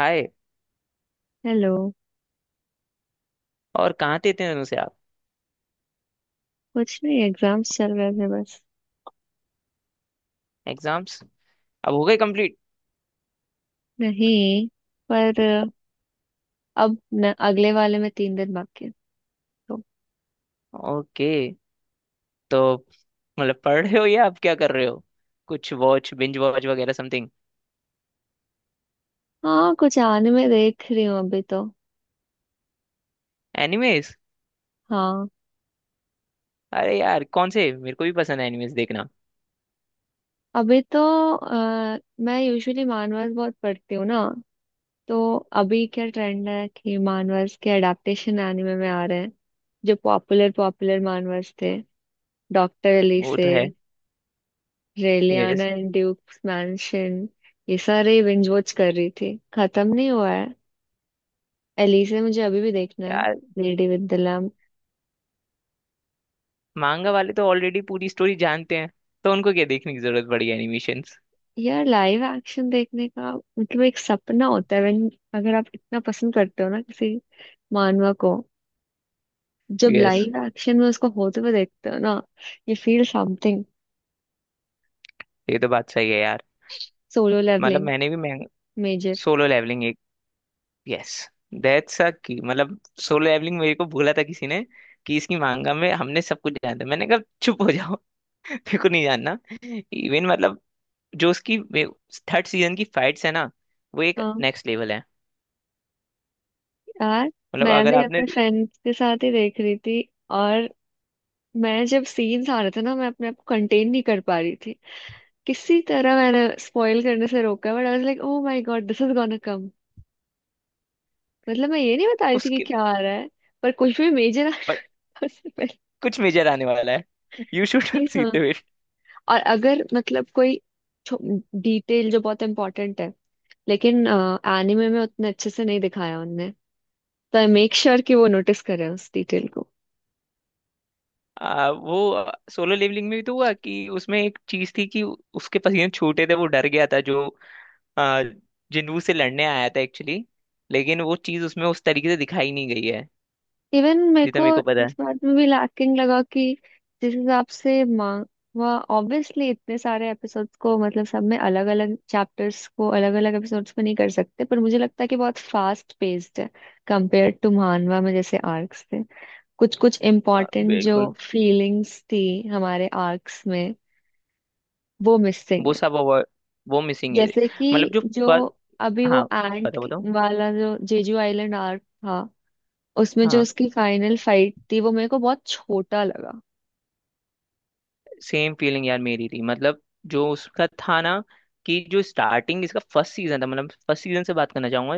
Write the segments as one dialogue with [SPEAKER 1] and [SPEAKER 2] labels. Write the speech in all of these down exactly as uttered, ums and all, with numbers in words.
[SPEAKER 1] हाय।
[SPEAKER 2] Hello.
[SPEAKER 1] और कहाँ थे इतने दिनों से आप?
[SPEAKER 2] कुछ नहीं, एग्जाम्स चल रहे थे बस।
[SPEAKER 1] एग्जाम्स अब हो गए कंप्लीट?
[SPEAKER 2] नहीं, पर अब न, अगले वाले में तीन दिन बाकी है तो।
[SPEAKER 1] ओके। तो मतलब पढ़ रहे हो या आप क्या कर रहे हो? कुछ वॉच बिंज वॉच वगैरह समथिंग?
[SPEAKER 2] हाँ, कुछ आने में देख रही हूँ अभी तो।
[SPEAKER 1] एनिमेस?
[SPEAKER 2] हाँ।
[SPEAKER 1] अरे यार, कौन से? मेरे को भी पसंद है एनिमेस देखना।
[SPEAKER 2] अभी तो अ, मैं यूजुअली मानवर्स बहुत पढ़ती हूँ ना। तो अभी क्या ट्रेंड है कि मानवर्स के अडेप्टेशन एनिमे में आ रहे हैं। जो पॉपुलर पॉपुलर मानवर्स थे, डॉक्टर
[SPEAKER 1] वो
[SPEAKER 2] एलिसे,
[SPEAKER 1] तो है।
[SPEAKER 2] Raeliana
[SPEAKER 1] yes.
[SPEAKER 2] And duke's mansion, ये सारे बिंज वॉच कर रही थी, खत्म नहीं हुआ है। एलिसा मुझे अभी भी देखना है।
[SPEAKER 1] यार,
[SPEAKER 2] lady with the lamp.
[SPEAKER 1] Manga वाले तो ऑलरेडी पूरी स्टोरी जानते हैं, तो उनको क्या देखने की जरूरत पड़ी एनिमेशंस?
[SPEAKER 2] यार लाइव एक्शन देखने का मतलब एक सपना होता है when- अगर आप इतना पसंद करते हो ना किसी मानवा को, जब
[SPEAKER 1] यस।
[SPEAKER 2] लाइव एक्शन में उसको होते हुए देखते हो ना, यू फील समथिंग।
[SPEAKER 1] ये तो बात सही है यार।
[SPEAKER 2] सोलो
[SPEAKER 1] मतलब
[SPEAKER 2] लेवलिंग,
[SPEAKER 1] मैंने भी मैं
[SPEAKER 2] major.
[SPEAKER 1] Solo leveling. Yes. That's a की। मतलब सोलो लेवलिंग मेरे को बोला था किसी ने कि इसकी मांगा में हमने सब कुछ जाना था। मैंने कहा चुप हो जाओ। मेरे को नहीं जानना। इवन मतलब जो उसकी थर्ड सीजन की फाइट्स है ना, वो एक
[SPEAKER 2] हाँ,
[SPEAKER 1] नेक्स्ट लेवल है।
[SPEAKER 2] यार,
[SPEAKER 1] मतलब
[SPEAKER 2] मैं
[SPEAKER 1] अगर
[SPEAKER 2] भी
[SPEAKER 1] आपने
[SPEAKER 2] अपने फ्रेंड्स के साथ ही देख रही थी। और मैं, जब सीन्स आ रहे थे ना, मैं अपने आप को कंटेन नहीं कर पा रही थी। किसी तरह मैंने स्पॉइल करने से रोका, but I was like oh my god this is gonna come. मतलब मैं ये नहीं बता रही थी कि
[SPEAKER 1] उसके
[SPEAKER 2] क्या आ रहा है, पर कुछ भी मेजर
[SPEAKER 1] बट
[SPEAKER 2] आने से पहले
[SPEAKER 1] कुछ मेजर आने वाला है। यू
[SPEAKER 2] कि
[SPEAKER 1] शुड सी
[SPEAKER 2] हाँ।
[SPEAKER 1] The it.
[SPEAKER 2] और अगर मतलब कोई डिटेल जो बहुत इम्पोर्टेंट है लेकिन एनिमे में उतने अच्छे से नहीं दिखाया उनने, तो आई मेक श्योर कि वो नोटिस करे उस डिटेल को।
[SPEAKER 1] आ, वो सोलो लेवलिंग में भी तो हुआ कि उसमें एक चीज थी कि उसके पसीने छूटे थे, वो डर गया था जो आ, जिन्नू से लड़ने आया था एक्चुअली। लेकिन वो चीज उसमें उस तरीके से दिखाई नहीं गई है
[SPEAKER 2] इवन मेरे
[SPEAKER 1] जितना
[SPEAKER 2] को
[SPEAKER 1] मेरे को पता
[SPEAKER 2] इस
[SPEAKER 1] है।
[SPEAKER 2] बात में भी लैकिंग लगा कि जिस हिसाब से मांगवा, ऑब्वियसली इतने सारे एपिसोड्स को मतलब सब में अलग अलग चैप्टर्स को अलग अलग एपिसोड्स में नहीं कर सकते, पर मुझे लगता है कि बहुत फास्ट पेस्ड है। कंपेयर टू मानवा में जैसे आर्क्स थे, कुछ कुछ
[SPEAKER 1] आ,
[SPEAKER 2] इम्पोर्टेंट जो
[SPEAKER 1] बिल्कुल।
[SPEAKER 2] फीलिंग्स थी हमारे आर्क्स में, वो मिसिंग
[SPEAKER 1] वो
[SPEAKER 2] है।
[SPEAKER 1] सब अवॉइड। वो मिसिंग है।
[SPEAKER 2] जैसे कि
[SPEAKER 1] मतलब जो
[SPEAKER 2] जो
[SPEAKER 1] फर्स्ट।
[SPEAKER 2] अभी वो
[SPEAKER 1] हाँ,
[SPEAKER 2] एंट
[SPEAKER 1] बताओ बताओ।
[SPEAKER 2] वाला जो जेजू आइलैंड आर्क था, उसमें जो
[SPEAKER 1] हाँ,
[SPEAKER 2] उसकी फाइनल फाइट थी, वो मेरे को बहुत छोटा लगा।
[SPEAKER 1] सेम फीलिंग यार मेरी थी। मतलब जो उसका था ना कि जो स्टार्टिंग इसका फर्स्ट सीजन था, मतलब फर्स्ट सीजन से बात करना चाहूंगा।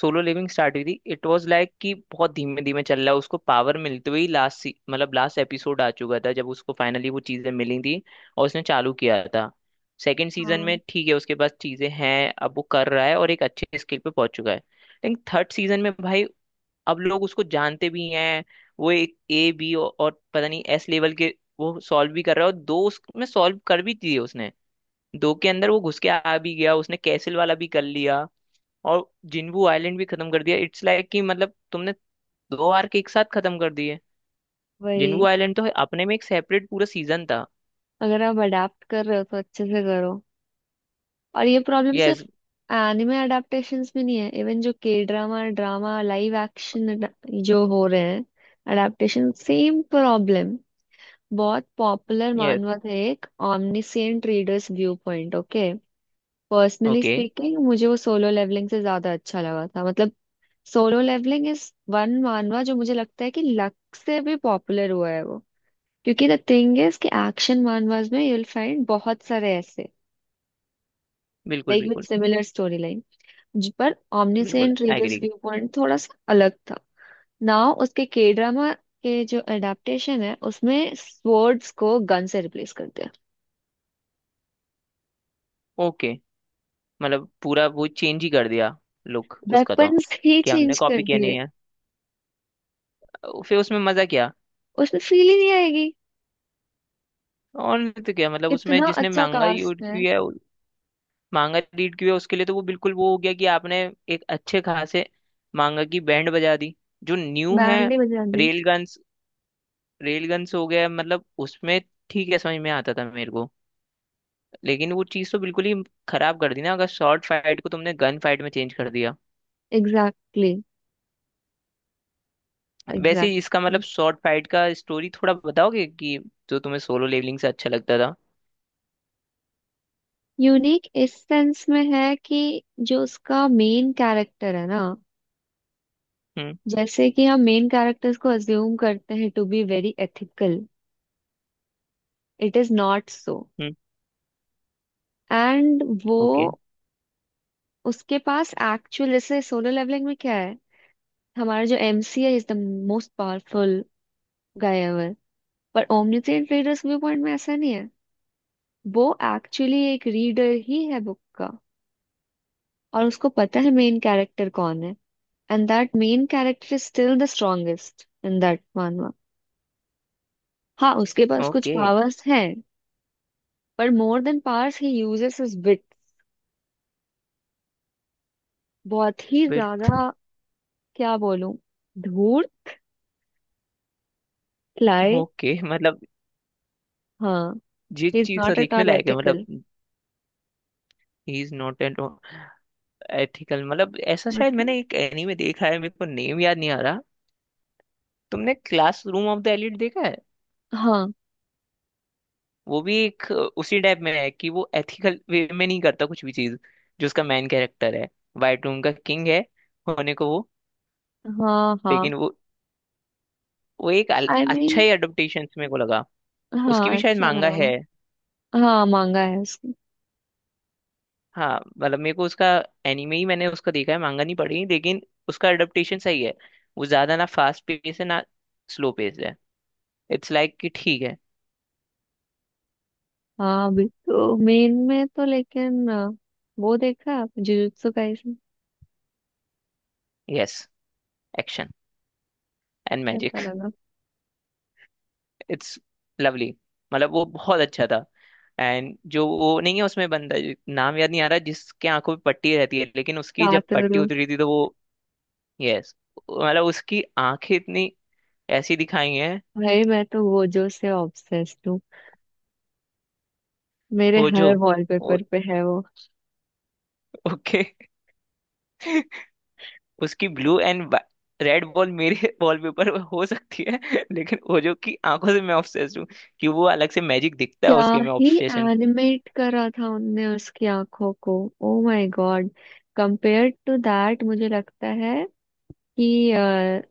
[SPEAKER 1] सोलो लिविंग स्टार्ट हुई थी, इट वाज लाइक कि बहुत धीमे धीमे चल रहा है, उसको पावर मिलते हुए ही लास्ट मतलब लास्ट एपिसोड आ चुका था जब उसको फाइनली वो चीजें मिली थी और उसने चालू किया था। सेकंड सीजन में
[SPEAKER 2] हाँ
[SPEAKER 1] ठीक है उसके पास चीजें हैं, अब वो कर रहा है और एक अच्छे स्किल पे पहुंच चुका है। लेकिन थर्ड सीजन में भाई, अब लोग उसको जानते भी हैं। वो एक ए बी औ- और पता नहीं एस लेवल के वो सॉल्व भी कर रहा है और दो उसमें सॉल्व कर भी दिए उसने। दो के अंदर वो घुस के आ भी गया, उसने कैसल वाला भी कर लिया और जिन्बू आइलैंड भी खत्म कर दिया। इट्स लाइक कि मतलब तुमने दो आर्क एक साथ खत्म कर दिए।
[SPEAKER 2] वही,
[SPEAKER 1] जिन्बू आइलैंड तो अपने में एक सेपरेट पूरा सीजन था।
[SPEAKER 2] अगर आप अडाप्ट कर रहे हो तो अच्छे से करो। और ये प्रॉब्लम सिर्फ
[SPEAKER 1] यस।
[SPEAKER 2] एनिमे अडाप्टेशंस में नहीं है, इवन जो के ड्रामा, ड्रामा लाइव एक्शन जो हो रहे हैं, अडाप्टेशन, सेम प्रॉब्लम। बहुत पॉपुलर
[SPEAKER 1] यस।
[SPEAKER 2] मानवा था एक, omniscient readers view point. Okay, personally
[SPEAKER 1] okay.
[SPEAKER 2] Speaking मुझे वो सोलो लेवलिंग से ज्यादा अच्छा लगा था। मतलब solo levelling is one manhwa जो मुझे लगता है कि लक से भी पॉपुलर हुआ है वो, क्योंकि द थिंग इज कि एक्शन मानवास में यू विल फाइंड बहुत सारे ऐसे,
[SPEAKER 1] बिल्कुल
[SPEAKER 2] लाइक विद
[SPEAKER 1] बिल्कुल।
[SPEAKER 2] Similar story line. पर
[SPEAKER 1] बिल्कुल
[SPEAKER 2] omniscient readers
[SPEAKER 1] agree.
[SPEAKER 2] View point थोड़ा सा अलग था। नाउ उसके के ड्रामा के जो एडाप्टेशन है, उसमें स्वर्ड्स को गन से रिप्लेस कर दिया।
[SPEAKER 1] ओके, मतलब पूरा वो चेंज ही कर दिया लुक उसका तो।
[SPEAKER 2] वेपन्स ही
[SPEAKER 1] कि हमने
[SPEAKER 2] चेंज
[SPEAKER 1] कॉपी
[SPEAKER 2] कर
[SPEAKER 1] किया नहीं
[SPEAKER 2] दिए।
[SPEAKER 1] है, फिर उसमें मजा क्या?
[SPEAKER 2] उसमें फील ही नहीं आएगी।
[SPEAKER 1] और नहीं तो क्या? मतलब उसमें
[SPEAKER 2] इतना
[SPEAKER 1] जिसने
[SPEAKER 2] अच्छा
[SPEAKER 1] मांगा
[SPEAKER 2] कास्ट
[SPEAKER 1] रीड
[SPEAKER 2] है।
[SPEAKER 1] किया है, मांगा रीड किया है, उसके लिए तो वो बिल्कुल वो हो गया कि आपने एक अच्छे खासे मांगा की बैंड बजा दी। जो न्यू है।
[SPEAKER 2] बैंड ही बजा दी।
[SPEAKER 1] Rail guns. रेल गन्स हो गया मतलब उसमें ठीक है, समझ में आता था मेरे को। लेकिन वो चीज़ तो बिल्कुल ही खराब कर दी ना अगर शॉर्ट फाइट को तुमने गन फाइट में चेंज कर दिया।
[SPEAKER 2] एग्जैक्टली,
[SPEAKER 1] वैसे ही इसका मतलब
[SPEAKER 2] एग्जैक्टली।
[SPEAKER 1] शॉर्ट फाइट का स्टोरी थोड़ा बताओगे कि जो तुम्हें सोलो लेवलिंग से अच्छा लगता था?
[SPEAKER 2] यूनिक इस सेंस में है कि जो उसका मेन कैरेक्टर है ना,
[SPEAKER 1] हम्म।
[SPEAKER 2] जैसे कि हम मेन कैरेक्टर्स को अज्यूम करते हैं to be very ethical, it is not so.
[SPEAKER 1] Hmm.
[SPEAKER 2] And वो,
[SPEAKER 1] ओके।
[SPEAKER 2] उसके पास एक्चुअल, जैसे सोलो लेवलिंग में क्या है, हमारा जो एमसी है is the most powerful guy ever. पर ओमनिसेंट रीडर्स व्यू पॉइंट में ऐसा नहीं है। वो एक्चुअली एक रीडर ही है बुक का, और उसको पता है मेन कैरेक्टर कौन है, and that main character is still the strongest in that manhwa. हाँ उसके पास कुछ
[SPEAKER 1] ओके।
[SPEAKER 2] पावर्स हैं, पर मोर देन पावर्स ही यूजेस हिज विट, बहुत ही ज्यादा।
[SPEAKER 1] बिल्कुल।
[SPEAKER 2] क्या बोलूं, धूल लाए।
[SPEAKER 1] ओके, मतलब
[SPEAKER 2] हाँ,
[SPEAKER 1] ये
[SPEAKER 2] ही इज
[SPEAKER 1] चीज तो
[SPEAKER 2] नॉट एट
[SPEAKER 1] देखने
[SPEAKER 2] ऑल
[SPEAKER 1] लायक है
[SPEAKER 2] एथिकल।
[SPEAKER 1] मतलब। He is not at ethical मतलब ऐसा शायद
[SPEAKER 2] मतलब,
[SPEAKER 1] मैंने एक एनीमे देखा है, मेरे को नेम याद नहीं आ रहा। तुमने क्लासरूम ऑफ द एलिट देखा है?
[SPEAKER 2] हाँ,
[SPEAKER 1] वो भी एक अ, उसी टाइप में है कि वो एथिकल वे में नहीं करता कुछ भी चीज। जो उसका मेन कैरेक्टर है वाइट रूम का किंग है होने को वो,
[SPEAKER 2] हाँ, हाँ।
[SPEAKER 1] लेकिन वो वो एक अल-
[SPEAKER 2] आई I मीन
[SPEAKER 1] अच्छा ही अडोप्टेशन मेरे को लगा।
[SPEAKER 2] mean,
[SPEAKER 1] उसकी
[SPEAKER 2] हाँ,
[SPEAKER 1] भी शायद
[SPEAKER 2] अच्छा
[SPEAKER 1] मांगा
[SPEAKER 2] था।
[SPEAKER 1] है।
[SPEAKER 2] हाँ, मांगा है उसने।
[SPEAKER 1] हाँ। मतलब मेरे को उसका एनिमे ही मैंने उसका देखा है, मांगा नहीं पड़ी, लेकिन उसका एडेप्टेशन सही है। वो ज्यादा ना फास्ट पेस है ना स्लो पेस है। इट्स लाइक कि ठीक है।
[SPEAKER 2] हाँ भी तो मेन में तो, लेकिन अ, वो देखा आप, Jujutsu Kaisen?
[SPEAKER 1] Yes. Action and
[SPEAKER 2] कैसा
[SPEAKER 1] मैजिक।
[SPEAKER 2] लगा?
[SPEAKER 1] It's lovely. मतलब वो बहुत अच्छा था। एंड जो वो नहीं है उसमें बंदा जो- नाम याद नहीं आ रहा जिसके आंखों पे पट्टी रहती है, लेकिन उसकी जब पट्टी
[SPEAKER 2] कातोरू।
[SPEAKER 1] उतरी थी तो वो यस। मतलब उसकी आंखें इतनी ऐसी दिखाई हैं।
[SPEAKER 2] भाई, मैं तो वो जो से ऑब्सेस्ड हूँ। मेरे
[SPEAKER 1] हो जो।
[SPEAKER 2] हर वॉलपेपर पे है वो।
[SPEAKER 1] ओके। उसकी ब्लू एंड रेड बॉल मेरे वॉलपेपर पर हो सकती है लेकिन वो जो कि आंखों से मैं ऑब्सेस्ड हूँ कि वो अलग से मैजिक दिखता है
[SPEAKER 2] क्या
[SPEAKER 1] उसके में
[SPEAKER 2] ही
[SPEAKER 1] ऑब्सेशन।
[SPEAKER 2] एनिमेट करा था उनने उसकी आंखों को। Oh my God. Compare to that मुझे लगता है कि अ,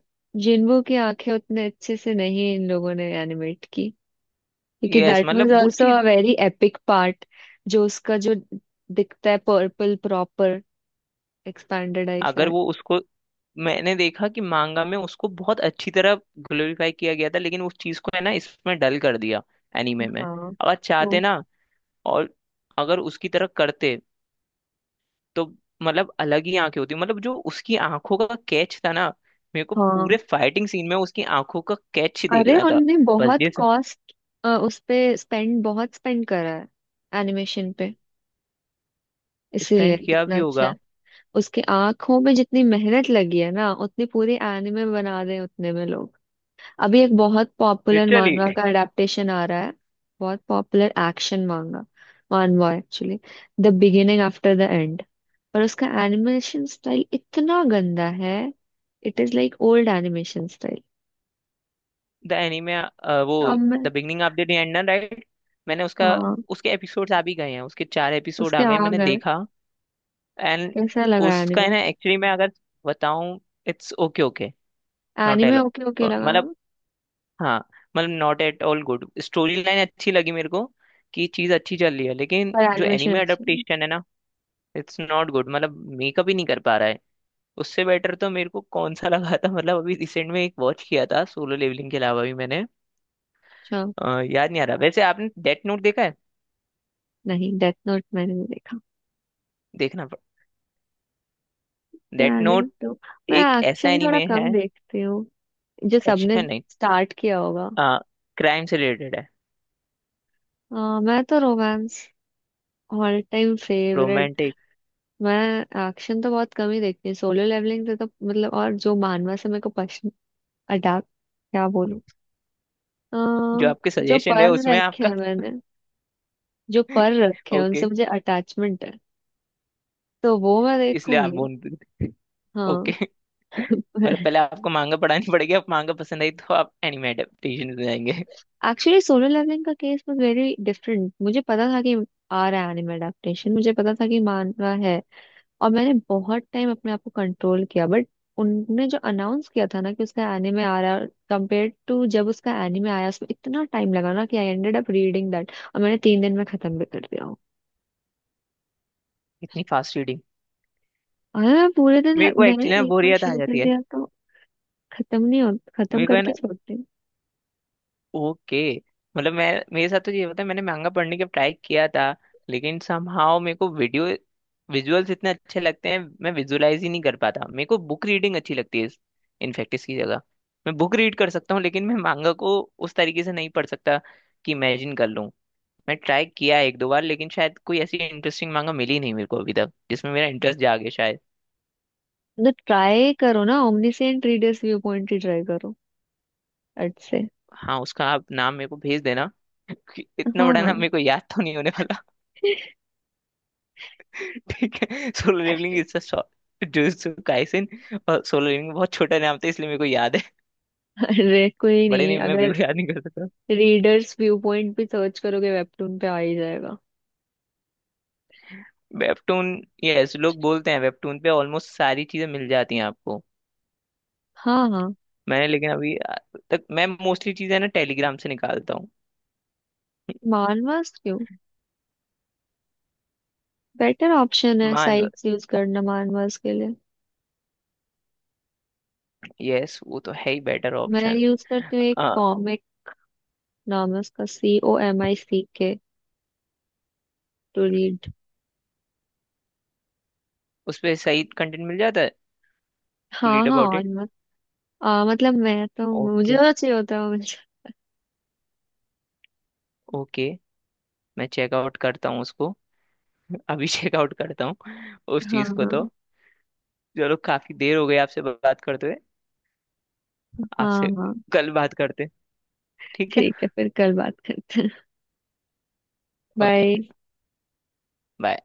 [SPEAKER 2] जिन्हों की आंखें उतने अच्छे से नहीं इन लोगों ने एनिमेट की, क्योंकि
[SPEAKER 1] यस।
[SPEAKER 2] दैट वाज
[SPEAKER 1] मतलब वो
[SPEAKER 2] आल्सो अ
[SPEAKER 1] चीज
[SPEAKER 2] वेरी एपिक पार्ट। जो उसका जो दिखता है, पर्पल प्रॉपर एक्सपैंडेड आई
[SPEAKER 1] अगर
[SPEAKER 2] सेट।
[SPEAKER 1] वो उसको मैंने देखा कि मांगा में उसको बहुत अच्छी तरह ग्लोरीफाई किया गया था, लेकिन उस चीज को है ना इसमें डल कर दिया एनीमे में।
[SPEAKER 2] हाँ,
[SPEAKER 1] अगर
[SPEAKER 2] ट्रू।
[SPEAKER 1] चाहते ना और अगर उसकी तरह करते तो मतलब अलग ही आंखें होती। मतलब जो उसकी आंखों का कैच था ना, मेरे को
[SPEAKER 2] हाँ,
[SPEAKER 1] पूरे फाइटिंग सीन में उसकी आंखों का कैच ही देख
[SPEAKER 2] अरे
[SPEAKER 1] रहा था।
[SPEAKER 2] उनने
[SPEAKER 1] बस
[SPEAKER 2] बहुत
[SPEAKER 1] ये सब।
[SPEAKER 2] कॉस्ट उस पे स्पेंड, बहुत स्पेंड करा है एनिमेशन पे, इसीलिए
[SPEAKER 1] स्पेंड किया
[SPEAKER 2] कितना
[SPEAKER 1] भी
[SPEAKER 2] अच्छा
[SPEAKER 1] होगा।
[SPEAKER 2] है। उसके आंखों में जितनी मेहनत लगी है ना, उतनी पूरी एनिमे बना रहे हैं उतने में लोग। अभी एक बहुत पॉपुलर
[SPEAKER 1] लिटरली।
[SPEAKER 2] मानवा का अडेप्टेशन आ रहा है, बहुत popular action manga, manhwa actually, the beginning after the end. पर उसका एनिमेशन स्टाइल इतना गंदा है, it is like old animation style.
[SPEAKER 1] The anime वो
[SPEAKER 2] तो अब मैं,
[SPEAKER 1] the beginning of the day and right? मैंने उसका
[SPEAKER 2] हाँ
[SPEAKER 1] उसके एपिसोड्स आ भी गए हैं, उसके चार एपिसोड
[SPEAKER 2] उसके
[SPEAKER 1] आ गए
[SPEAKER 2] आ
[SPEAKER 1] हैं, मैंने
[SPEAKER 2] गए।
[SPEAKER 1] देखा। एंड
[SPEAKER 2] कैसा लगा
[SPEAKER 1] उसका है
[SPEAKER 2] एनिमे?
[SPEAKER 1] ना एक्चुअली मैं अगर बताऊं it's okay okay not
[SPEAKER 2] anime
[SPEAKER 1] एलो।
[SPEAKER 2] ओके ओके लगा
[SPEAKER 1] मतलब
[SPEAKER 2] ना।
[SPEAKER 1] हाँ। मतलब not at all good, storyline अच्छी लगी मेरे को कि चीज अच्छी चल रही है। लेकिन
[SPEAKER 2] पर
[SPEAKER 1] जो
[SPEAKER 2] एनिमेशन
[SPEAKER 1] एनिमे
[SPEAKER 2] अच्छा है?
[SPEAKER 1] अडेप्टेशन है ना इट्स नॉट गुड मतलब मेकअप ही नहीं कर पा रहा है। उससे बेटर तो मेरे को कौन सा लगा था मतलब अभी रिसेंट में एक वॉच किया था सोलो लेवलिंग के अलावा भी मैंने
[SPEAKER 2] अच्छा,
[SPEAKER 1] अ, याद नहीं आ रहा। वैसे आपने डेथ नोट देखा है?
[SPEAKER 2] नहीं, डेथ नोट मैंने नहीं देखा।
[SPEAKER 1] देखना। डेथ
[SPEAKER 2] प्लानिंग
[SPEAKER 1] नोट
[SPEAKER 2] तो, मैं
[SPEAKER 1] एक ऐसा
[SPEAKER 2] एक्शन थोड़ा
[SPEAKER 1] एनिमे है
[SPEAKER 2] कम देखती हूँ, जो सबने
[SPEAKER 1] एक्शन नहीं,
[SPEAKER 2] स्टार्ट किया होगा।
[SPEAKER 1] क्राइम से रिलेटेड है।
[SPEAKER 2] आ, मैं तो romance, all time favourite.
[SPEAKER 1] Romantic
[SPEAKER 2] मैं एक्शन तो बहुत कम ही देखती हूँ, सोलो लेवलिंग से तो मतलब, और जो मानवा से मेरे को पसंद, अटैक। क्या बोलूं अ,
[SPEAKER 1] जो आपके
[SPEAKER 2] जो
[SPEAKER 1] सजेशन है
[SPEAKER 2] पर
[SPEAKER 1] उसमें
[SPEAKER 2] रखे
[SPEAKER 1] आपका
[SPEAKER 2] हैं मैंने, जो पर रखे हैं
[SPEAKER 1] ओके।
[SPEAKER 2] उनसे मुझे अटैचमेंट है, तो वो मैं
[SPEAKER 1] इसलिए आप
[SPEAKER 2] देखूंगी।
[SPEAKER 1] बोल। ओके,
[SPEAKER 2] हाँ
[SPEAKER 1] मतलब पहले आपको मांगा पढ़ानी पड़ेगी। आप मांगा पसंद आई तो आप एनिमे एडेप्टेशन में जाएंगे
[SPEAKER 2] एक्चुअली सोलर लेवलिंग का केस वाज वेरी डिफरेंट। मुझे पता था कि आ रहा है एनिमे अडेप्टेशन, मुझे पता था कि मानवा है, और मैंने बहुत टाइम अपने आप को कंट्रोल किया, बट उनने जो अनाउंस किया था ना कि उसका एनिमे आ रहा है, कंपेयर टू जब उसका एनिमे आया, उसमें इतना टाइम लगा ना कि I ended up reading that, और मैंने तीन दिन में खत्म भी कर दिया हूँ।
[SPEAKER 1] इतनी फास्ट रीडिंग?
[SPEAKER 2] और मैं पूरे दिन
[SPEAKER 1] मेरे
[SPEAKER 2] लग-
[SPEAKER 1] को
[SPEAKER 2] मैंने
[SPEAKER 1] एक्चुअली ना
[SPEAKER 2] एक बार
[SPEAKER 1] बोरियत आ
[SPEAKER 2] शुरू कर
[SPEAKER 1] जाती है
[SPEAKER 2] दिया तो खत्म नहीं हो, खत्म
[SPEAKER 1] मेरे को है ना।
[SPEAKER 2] करके छोड़ती हूँ।
[SPEAKER 1] ओके, मतलब मैं मेरे साथ तो ये होता है मैंने मांगा पढ़ने का ट्राई किया था, लेकिन समहाउ मेरे को वीडियो विजुअल्स इतने अच्छे लगते हैं मैं विजुअलाइज ही नहीं कर पाता। मेरे को बुक रीडिंग अच्छी लगती है। इनफैक्ट इसकी जगह मैं बुक रीड कर सकता हूँ, लेकिन मैं मांगा को उस तरीके से नहीं पढ़ सकता कि इमेजिन कर लूँ। मैं ट्राई किया है एक दो बार लेकिन शायद कोई ऐसी इंटरेस्टिंग मांगा मिली नहीं मेरे को अभी तक जिसमें मेरा इंटरेस्ट जागे शायद।
[SPEAKER 2] तो ट्राई करो ना, ओमनीसेंट रीडर्स व्यू पॉइंट ही ट्राई करो। अट से।
[SPEAKER 1] हाँ उसका आप नाम मेरे को भेज देना कि इतना
[SPEAKER 2] हाँ,
[SPEAKER 1] बड़ा
[SPEAKER 2] हाँ।
[SPEAKER 1] नाम मेरे को याद तो नहीं होने वाला। ठीक है Solo levelling is a short Jujutsu Kaisen, और सोलो लेवलिंग बहुत छोटा नाम था इसलिए मेरे को याद है
[SPEAKER 2] अरे कोई
[SPEAKER 1] बड़े
[SPEAKER 2] नहीं,
[SPEAKER 1] नेम मैं
[SPEAKER 2] अगर
[SPEAKER 1] बिल्कुल याद नहीं कर सकता।
[SPEAKER 2] रीडर्स व्यू पॉइंट भी सर्च करोगे वेबटून पे आ ही जाएगा।
[SPEAKER 1] वेबटून? यस, लोग बोलते हैं वेबटून पे ऑलमोस्ट सारी चीजें मिल जाती हैं आपको।
[SPEAKER 2] हाँ, हाँ।
[SPEAKER 1] मैंने लेकिन अभी तक मैं मोस्टली चीजें ना टेलीग्राम से निकालता
[SPEAKER 2] मानवास क्यों, बेटर ऑप्शन है
[SPEAKER 1] हूँ।
[SPEAKER 2] साइट्स यूज करना मानवास के लिए।
[SPEAKER 1] यस वो तो है ही बेटर
[SPEAKER 2] मैं
[SPEAKER 1] ऑप्शन।
[SPEAKER 2] यूज करती हूँ एक
[SPEAKER 1] आ,
[SPEAKER 2] कॉमिक, नाम है उसका C O M I C K, to read.
[SPEAKER 1] उस पे सही कंटेंट मिल जाता है। टू
[SPEAKER 2] हाँ,
[SPEAKER 1] रीड
[SPEAKER 2] हाँ।
[SPEAKER 1] अबाउट
[SPEAKER 2] और
[SPEAKER 1] इट।
[SPEAKER 2] मत, आ, मतलब मैं तो, मुझे
[SPEAKER 1] ओके।
[SPEAKER 2] तो चाहिए होता है मुझे।
[SPEAKER 1] ओके। मैं चेकआउट करता हूँ उसको। अभी चेकआउट करता हूँ उस
[SPEAKER 2] हाँ,
[SPEAKER 1] चीज को
[SPEAKER 2] हाँ,
[SPEAKER 1] तो। चलो काफी देर हो गई आपसे बात करते हुए।
[SPEAKER 2] हाँ,
[SPEAKER 1] आपसे
[SPEAKER 2] हाँ।
[SPEAKER 1] कल बात करते हैं, ठीक है?
[SPEAKER 2] ठीक है, फिर कल बात करते हैं।
[SPEAKER 1] ओके।
[SPEAKER 2] बाय।
[SPEAKER 1] बाय।